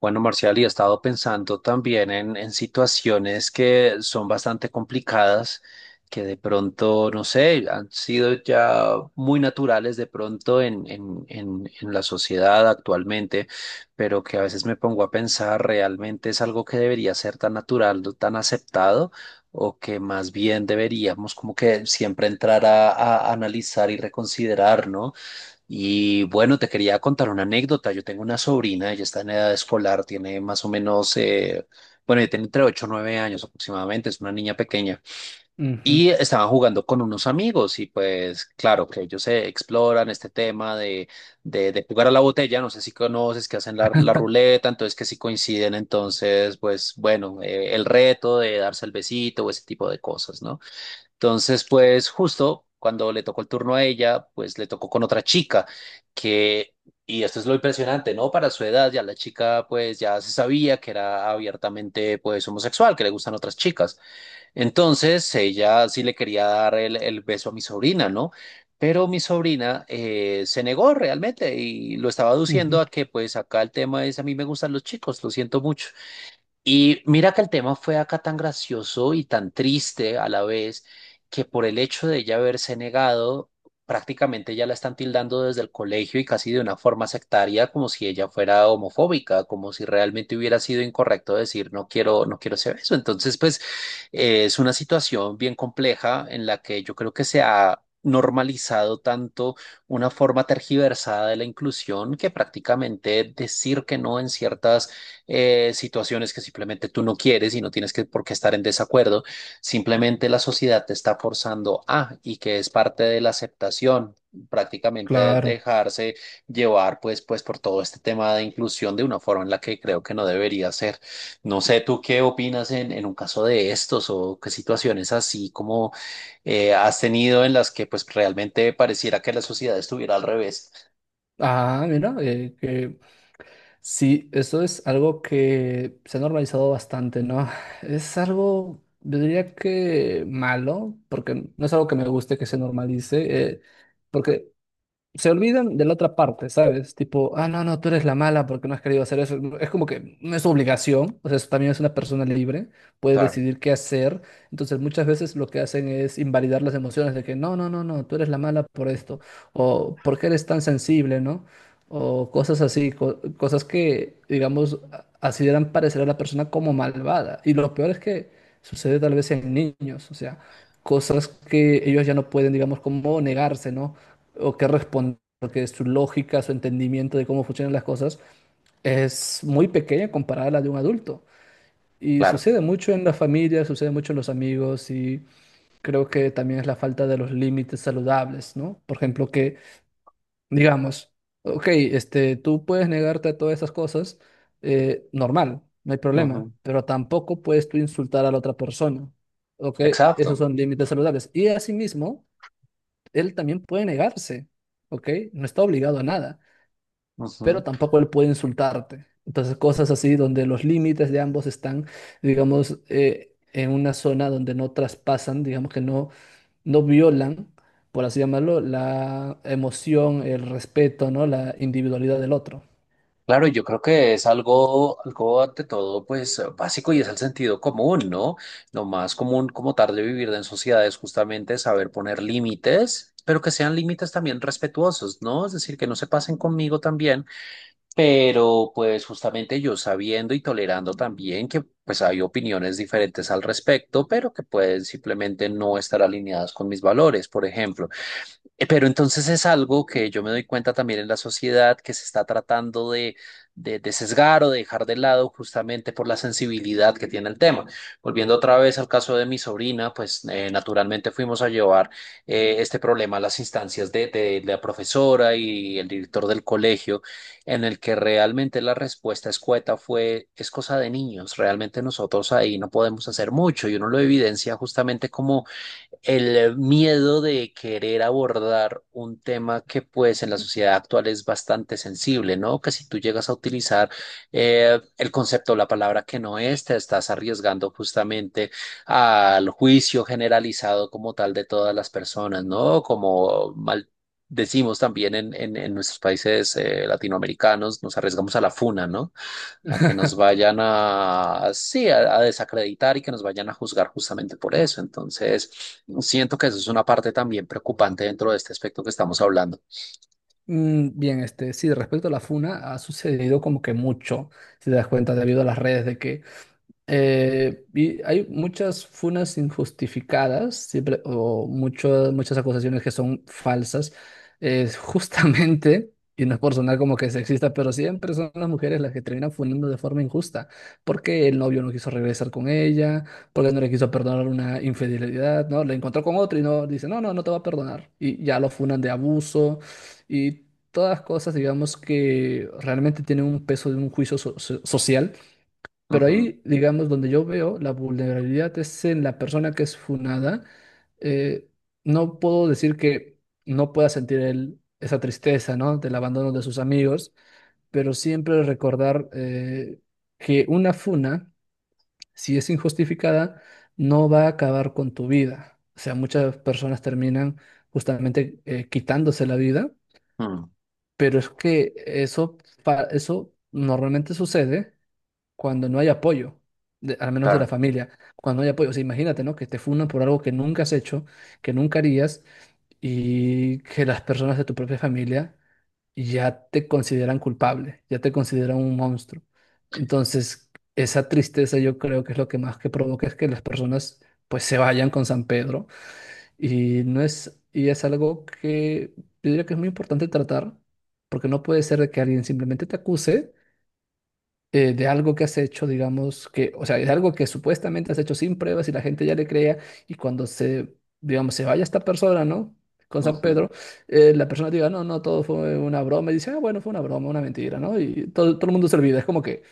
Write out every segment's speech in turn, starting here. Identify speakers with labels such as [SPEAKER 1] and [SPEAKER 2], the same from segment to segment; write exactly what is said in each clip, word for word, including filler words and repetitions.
[SPEAKER 1] Bueno, Marcial, y he estado pensando también en, en situaciones que son bastante complicadas, que de pronto, no sé, han sido ya muy naturales de pronto en, en, en, en la sociedad actualmente, pero que a veces me pongo a pensar, ¿realmente es algo que debería ser tan natural, no tan aceptado? O que más bien deberíamos como que siempre entrar a, a analizar y reconsiderar, ¿no? Y bueno, te quería contar una anécdota. Yo tengo una sobrina, ella está en edad escolar, tiene más o menos, eh, bueno, ella tiene entre ocho o nueve años aproximadamente, es una niña pequeña.
[SPEAKER 2] Ujú,
[SPEAKER 1] Y estaban jugando con unos amigos y pues claro que ellos se exploran este tema de, de, de jugar a la botella, no sé si conoces que hacen la, la ruleta, entonces que si coinciden, entonces pues bueno, eh, el reto de darse el besito o ese tipo de cosas, ¿no? Entonces, pues justo cuando le tocó el turno a ella, pues le tocó con otra chica que, y esto es lo impresionante, ¿no? Para su edad ya la chica pues ya se sabía que era abiertamente pues homosexual, que le gustan otras chicas. Entonces, ella sí le quería dar el, el beso a mi sobrina, ¿no? Pero mi sobrina eh, se negó realmente y lo estaba aduciendo
[SPEAKER 2] ujú,
[SPEAKER 1] a que pues acá el tema es a mí me gustan los chicos, lo siento mucho. Y mira que el tema fue acá tan gracioso y tan triste a la vez que por el hecho de ella haberse negado, prácticamente ya la están tildando desde el colegio y casi de una forma sectaria, como si ella fuera homofóbica, como si realmente hubiera sido incorrecto decir no quiero, no quiero ese eso. Entonces, pues eh, es una situación bien compleja en la que yo creo que se ha normalizado tanto una forma tergiversada de la inclusión que prácticamente decir que no en ciertas eh, situaciones que simplemente tú no quieres y no tienes que, por qué estar en desacuerdo, simplemente la sociedad te está forzando a y que es parte de la aceptación, prácticamente
[SPEAKER 2] claro.
[SPEAKER 1] dejarse llevar pues, pues por todo este tema de inclusión de una forma en la que creo que no debería ser. No sé, ¿tú qué opinas en, en un caso de estos o qué situaciones así como eh, has tenido en las que pues realmente pareciera que la sociedad estuviera al revés?
[SPEAKER 2] Ah, mira, eh, que sí, eso es algo que se ha normalizado bastante, ¿no? Es algo, yo diría que malo, porque no es algo que me guste que se normalice, eh, porque se olvidan de la otra parte, ¿sabes? Tipo, ah, no, no, tú eres la mala porque no has querido hacer eso. Es como que no es su obligación, o sea, eso también es una persona libre, puede
[SPEAKER 1] Claro,
[SPEAKER 2] decidir qué hacer. Entonces, muchas veces lo que hacen es invalidar las emociones de que, no, no, no, no, tú eres la mala por esto, o por qué eres tan sensible, ¿no? O cosas así, co- cosas que, digamos, a- así harán parecer a la persona como malvada. Y lo peor es que sucede tal vez en niños, o sea, cosas que ellos ya no pueden, digamos, como negarse, ¿no? O qué responder, porque su lógica, su entendimiento de cómo funcionan las cosas es muy pequeña comparada a la de un adulto. Y
[SPEAKER 1] claro.
[SPEAKER 2] sucede mucho en la familia, sucede mucho en los amigos, y creo que también es la falta de los límites saludables, ¿no? Por ejemplo, que digamos, ok, este, tú puedes negarte a todas esas cosas, eh, normal, no hay problema,
[SPEAKER 1] Ujú.
[SPEAKER 2] pero tampoco puedes tú insultar a la otra persona, ¿ok? Esos
[SPEAKER 1] Exacto.
[SPEAKER 2] son límites saludables. Y asimismo, él también puede negarse, ¿ok? No está obligado a nada, pero tampoco él puede insultarte. Entonces, cosas así donde los límites de ambos están, digamos, eh, en una zona donde no traspasan, digamos que no, no violan, por así llamarlo, la emoción, el respeto, ¿no? La individualidad del otro.
[SPEAKER 1] Claro, yo creo que es algo, algo ante todo, pues básico y es el sentido común, ¿no? Lo más común como tal de vivir en sociedad es justamente saber poner límites, pero que sean límites también respetuosos, ¿no? Es decir, que no se pasen conmigo también, pero pues justamente yo sabiendo y tolerando también que pues hay opiniones diferentes al respecto, pero que pueden simplemente no estar alineadas con mis valores, por ejemplo. Eh, Pero entonces es algo que yo me doy cuenta también en la sociedad que se está tratando de, de, de sesgar o de dejar de lado justamente por la sensibilidad que tiene el tema. Volviendo otra vez al caso de mi sobrina, pues eh, naturalmente fuimos a llevar eh, este problema a las instancias de, de la profesora y el director del colegio, en el que realmente la respuesta escueta fue, es cosa de niños, realmente nosotros ahí no podemos hacer mucho y uno lo evidencia justamente como el miedo de querer abordar un tema que pues en la sociedad actual es bastante sensible, ¿no? Que si tú llegas a utilizar eh, el concepto o la palabra que no es, te estás arriesgando justamente al juicio generalizado como tal de todas las personas, ¿no? Como mal decimos también en, en- en nuestros países eh, latinoamericanos, nos arriesgamos a la funa, ¿no? A que nos vayan a, sí, a a desacreditar y que nos vayan a juzgar justamente por eso. Entonces... Siento que eso es una parte también preocupante dentro de este aspecto que estamos hablando.
[SPEAKER 2] Mm, bien, este, sí, respecto a la funa, ha sucedido como que mucho, si te das cuenta, debido a las redes, de que Eh, y hay muchas funas injustificadas, siempre, o mucho- muchas acusaciones que son falsas. Es justamente, y no es por sonar como que sexista, pero siempre son las mujeres las que terminan funando de forma injusta, porque el novio no quiso regresar con ella, porque no le quiso perdonar una infidelidad, ¿no? La encontró con otro y no dice, no, no, no te va a perdonar. Y ya lo funan de abuso, y todas cosas, digamos, que realmente tienen un peso de un juicio so- so- social. Pero
[SPEAKER 1] Ujú,
[SPEAKER 2] ahí, digamos, donde yo veo la vulnerabilidad es en la persona que es funada. Eh, no puedo decir que no pueda sentir él esa tristeza, ¿no? Del abandono de sus amigos, pero siempre recordar eh, que una funa, si es injustificada, no va a acabar con tu vida. O sea, muchas personas terminan justamente eh, quitándose la vida,
[SPEAKER 1] mm,
[SPEAKER 2] pero es que eso, pa- eso normalmente sucede cuando no hay apoyo, de- al menos de la
[SPEAKER 1] claro.
[SPEAKER 2] familia, cuando no hay apoyo. O sea, imagínate, ¿no? Que te funan por algo que nunca has hecho, que nunca harías, y que las personas de tu propia familia ya te consideran culpable, ya te consideran un monstruo. Entonces, esa tristeza yo creo que es lo que más que provoca es que las personas pues se vayan con San Pedro. Y no es, y es algo que yo diría que es muy importante tratar, porque no puede ser de que alguien simplemente te acuse eh, de algo que has hecho, digamos, que, o sea, de algo que supuestamente has hecho sin pruebas y la gente ya le crea, y cuando se, digamos, se vaya esta persona, ¿no? Con San
[SPEAKER 1] Ujú.
[SPEAKER 2] Pedro, eh, la persona diga, no, no, todo fue una broma, y dice, ah, bueno, fue una broma, una mentira, ¿no? Y todo, todo el mundo se olvida, es como que,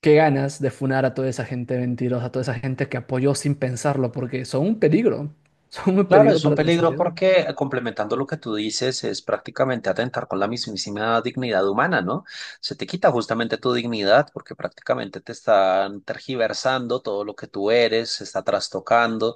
[SPEAKER 2] qué ganas de funar a toda esa gente mentirosa, a toda esa gente que apoyó sin pensarlo, porque son un peligro, son un
[SPEAKER 1] Claro, es
[SPEAKER 2] peligro
[SPEAKER 1] un
[SPEAKER 2] para la
[SPEAKER 1] peligro
[SPEAKER 2] sociedad.
[SPEAKER 1] porque eh, complementando lo que tú dices, es prácticamente atentar con la mismísima dignidad humana, ¿no? Se te quita justamente tu dignidad porque prácticamente te están tergiversando todo lo que tú eres, se está trastocando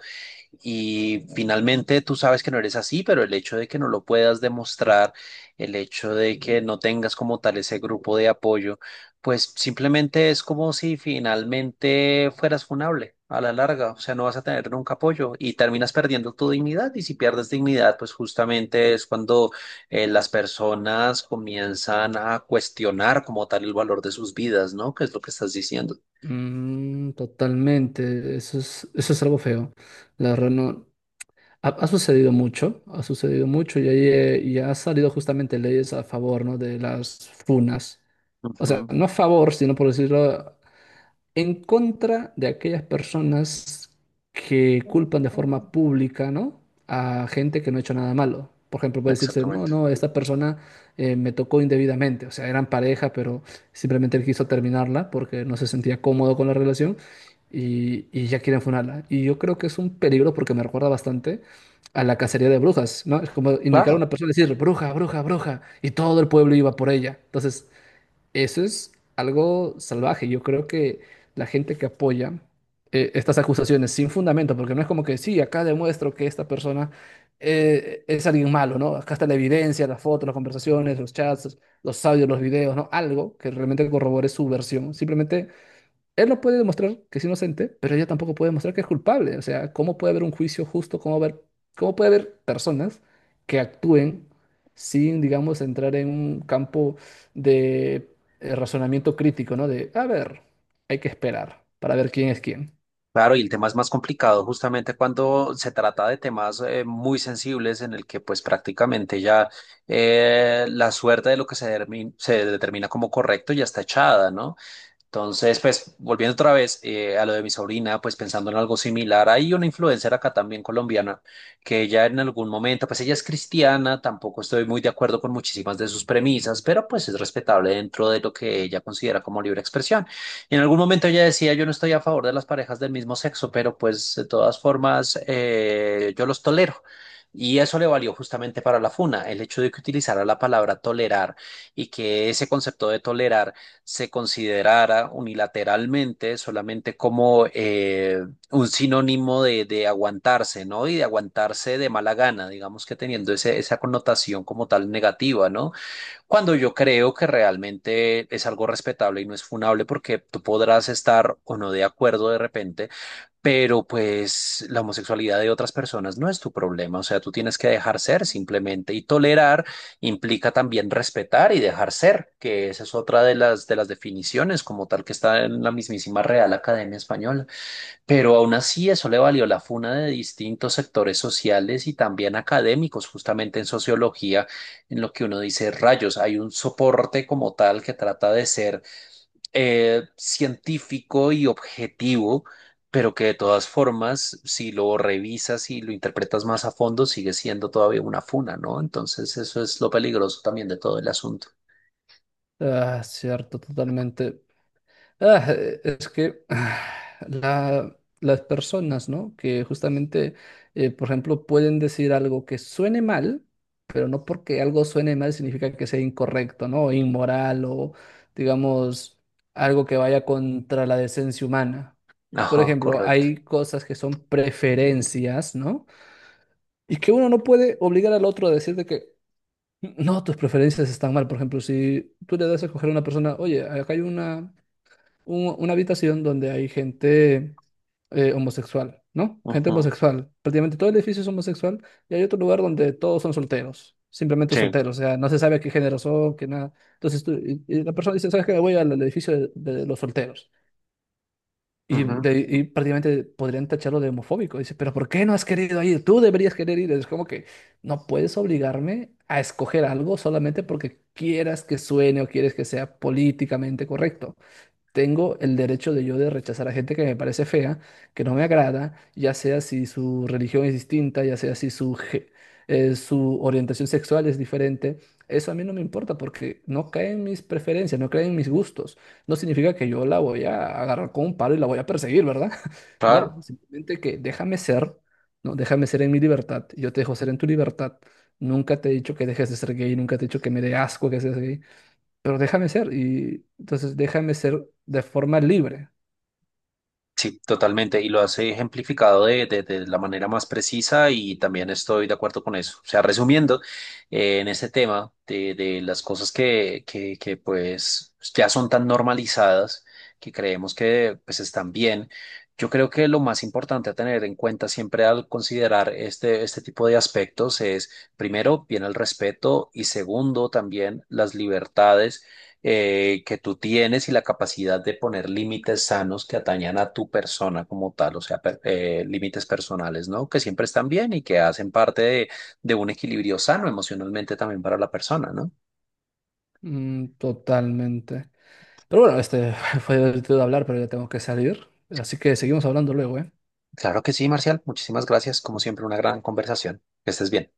[SPEAKER 1] y finalmente tú sabes que no eres así, pero el hecho de que no lo puedas demostrar, el hecho de que no tengas como tal ese grupo de apoyo. Pues simplemente es como si finalmente fueras funable a la larga, o sea, no vas a tener nunca apoyo y terminas perdiendo tu dignidad y si pierdes dignidad, pues justamente es cuando eh, las personas comienzan a cuestionar como tal el valor de sus vidas, ¿no? ¿Qué es lo que estás diciendo?
[SPEAKER 2] Mm, totalmente, eso es, eso es algo feo. La verdad no. Ha, ha sucedido mucho, ha sucedido mucho, y ahí eh, y ha salido justamente leyes a favor, ¿no? De las funas. O sea,
[SPEAKER 1] Ujú.
[SPEAKER 2] no a favor, sino por decirlo, en contra de aquellas personas que culpan de forma pública, ¿no? A gente que no ha hecho nada malo. Por ejemplo, puede decirse, no,
[SPEAKER 1] Exactamente.
[SPEAKER 2] no, esta persona eh, me tocó indebidamente. O sea, eran pareja, pero simplemente él quiso terminarla porque no se sentía cómodo con la relación, y, y ya quieren funarla. Y yo creo que es un peligro porque me recuerda bastante a la cacería de brujas, ¿no? Es como indicar a
[SPEAKER 1] Claro.
[SPEAKER 2] una persona y decir, bruja, bruja, bruja, y todo el pueblo iba por ella. Entonces, eso es algo salvaje. Yo creo que la gente que apoya eh, estas acusaciones sin fundamento, porque no es como que sí, acá demuestro que esta persona eh, es alguien malo, ¿no? Acá está la evidencia, las fotos, las conversaciones, los chats, los audios, los videos, ¿no? Algo que realmente corrobore su versión. Simplemente él no puede demostrar que es inocente, pero ella tampoco puede demostrar que es culpable. O sea, ¿cómo puede haber un juicio justo? ¿Cómo haber- ¿cómo puede haber personas que actúen sin, digamos, entrar en un campo de eh, razonamiento crítico, ¿no? De, a ver, hay que esperar para ver quién es quién.
[SPEAKER 1] Claro, y el tema es más complicado justamente cuando se trata de temas eh, muy sensibles en el que pues prácticamente ya eh, la suerte de lo que se, dermi- se determina como correcto ya está echada, ¿no? Entonces, pues volviendo otra vez eh, a lo de mi sobrina, pues pensando en algo similar, hay una influencer acá también colombiana que ella en algún momento, pues ella es cristiana, tampoco estoy muy de acuerdo con muchísimas de sus premisas, pero pues es respetable dentro de lo que ella considera como libre expresión. En algún momento ella decía, yo no estoy a favor de las parejas del mismo sexo, pero pues de todas formas eh, yo los tolero. Y eso le valió justamente para la funa, el hecho de que utilizara la palabra tolerar y que ese concepto de tolerar se considerara unilateralmente solamente como eh, un sinónimo de, de aguantarse, ¿no? Y de aguantarse de mala gana, digamos que teniendo ese- esa connotación como tal negativa, ¿no? Cuando yo creo que realmente es algo respetable y no es funable porque tú podrás estar o no de acuerdo de repente pero pues la homosexualidad de otras personas no es tu problema, o sea, tú tienes que dejar ser simplemente y tolerar implica también respetar y dejar ser, que esa es otra de las de las definiciones como tal que está en la mismísima Real Academia Española, pero aún así eso le valió la funa de distintos sectores sociales y también académicos, justamente en sociología, en lo que uno dice rayos, hay un soporte como tal que trata de ser eh, científico y objetivo, pero que de todas formas, si lo revisas y lo interpretas más a fondo, sigue siendo todavía una funa, ¿no? Entonces, eso es lo peligroso también de todo el asunto.
[SPEAKER 2] Ah, cierto, totalmente. Ah, eh, es que ah, la- las personas, ¿no? Que justamente, eh, por ejemplo, pueden decir algo que suene mal, pero no porque algo suene mal significa que sea incorrecto, ¿no? O inmoral o, digamos, algo que vaya contra la decencia humana. Por
[SPEAKER 1] Ajá,
[SPEAKER 2] ejemplo,
[SPEAKER 1] correcto.
[SPEAKER 2] hay cosas que son preferencias, ¿no? Y que uno no puede obligar al otro a decir de que no, tus preferencias están mal. Por ejemplo, si tú le das a escoger a una persona, oye, acá hay una un- una habitación donde hay gente eh, homosexual, ¿no? Gente
[SPEAKER 1] Ujú,
[SPEAKER 2] homosexual. Prácticamente todo el edificio es homosexual, y hay otro lugar donde todos son solteros, simplemente
[SPEAKER 1] sí.
[SPEAKER 2] solteros, o sea, no se sabe qué género son, qué nada. Entonces tú- y, y la persona dice, ¿sabes qué? Voy al, al edificio de, de los solteros. Y,
[SPEAKER 1] Ujú,
[SPEAKER 2] de- y prácticamente podrían tacharlo de homofóbico. Dice, pero ¿por qué no has querido ir? Tú deberías querer ir. Es como que no puedes obligarme a escoger algo solamente porque quieras que suene o quieres que sea políticamente correcto. Tengo el derecho de yo de rechazar a gente que me parece fea, que no me agrada, ya sea si su religión es distinta, ya sea si su, ge- eh, su orientación sexual es diferente. Eso a mí no me importa porque no cae en mis preferencias, no cae en mis gustos. No significa que yo la voy a agarrar con un palo y la voy a perseguir, ¿verdad?
[SPEAKER 1] claro.
[SPEAKER 2] No, simplemente que déjame ser, ¿no? Déjame ser en mi libertad. Y yo te dejo ser en tu libertad. Nunca te he dicho que dejes de ser gay, nunca te he dicho que me dé asco que seas gay, pero déjame ser, y entonces déjame ser de forma libre.
[SPEAKER 1] Sí, totalmente. Y lo has ejemplificado de, de- de la manera más precisa y también estoy de acuerdo con eso. O sea, resumiendo, eh, en este tema de, de las cosas que, que, que pues ya son tan normalizadas que creemos que pues están bien, yo creo que lo más importante a tener en cuenta siempre al considerar este, este tipo de aspectos es, primero, bien el respeto y segundo, también las libertades eh, que tú tienes y la capacidad de poner límites sanos que atañan a tu persona como tal, o sea, per- eh, límites personales, ¿no? Que siempre están bien y que hacen parte de, de un equilibrio sano emocionalmente también para la persona, ¿no?
[SPEAKER 2] Mm, totalmente. Pero bueno, este, fue divertido hablar, pero ya tengo que salir. Así que seguimos hablando luego, ¿eh?
[SPEAKER 1] Claro que sí, Marcial. Muchísimas gracias. Como siempre, una gran conversación. Que estés bien.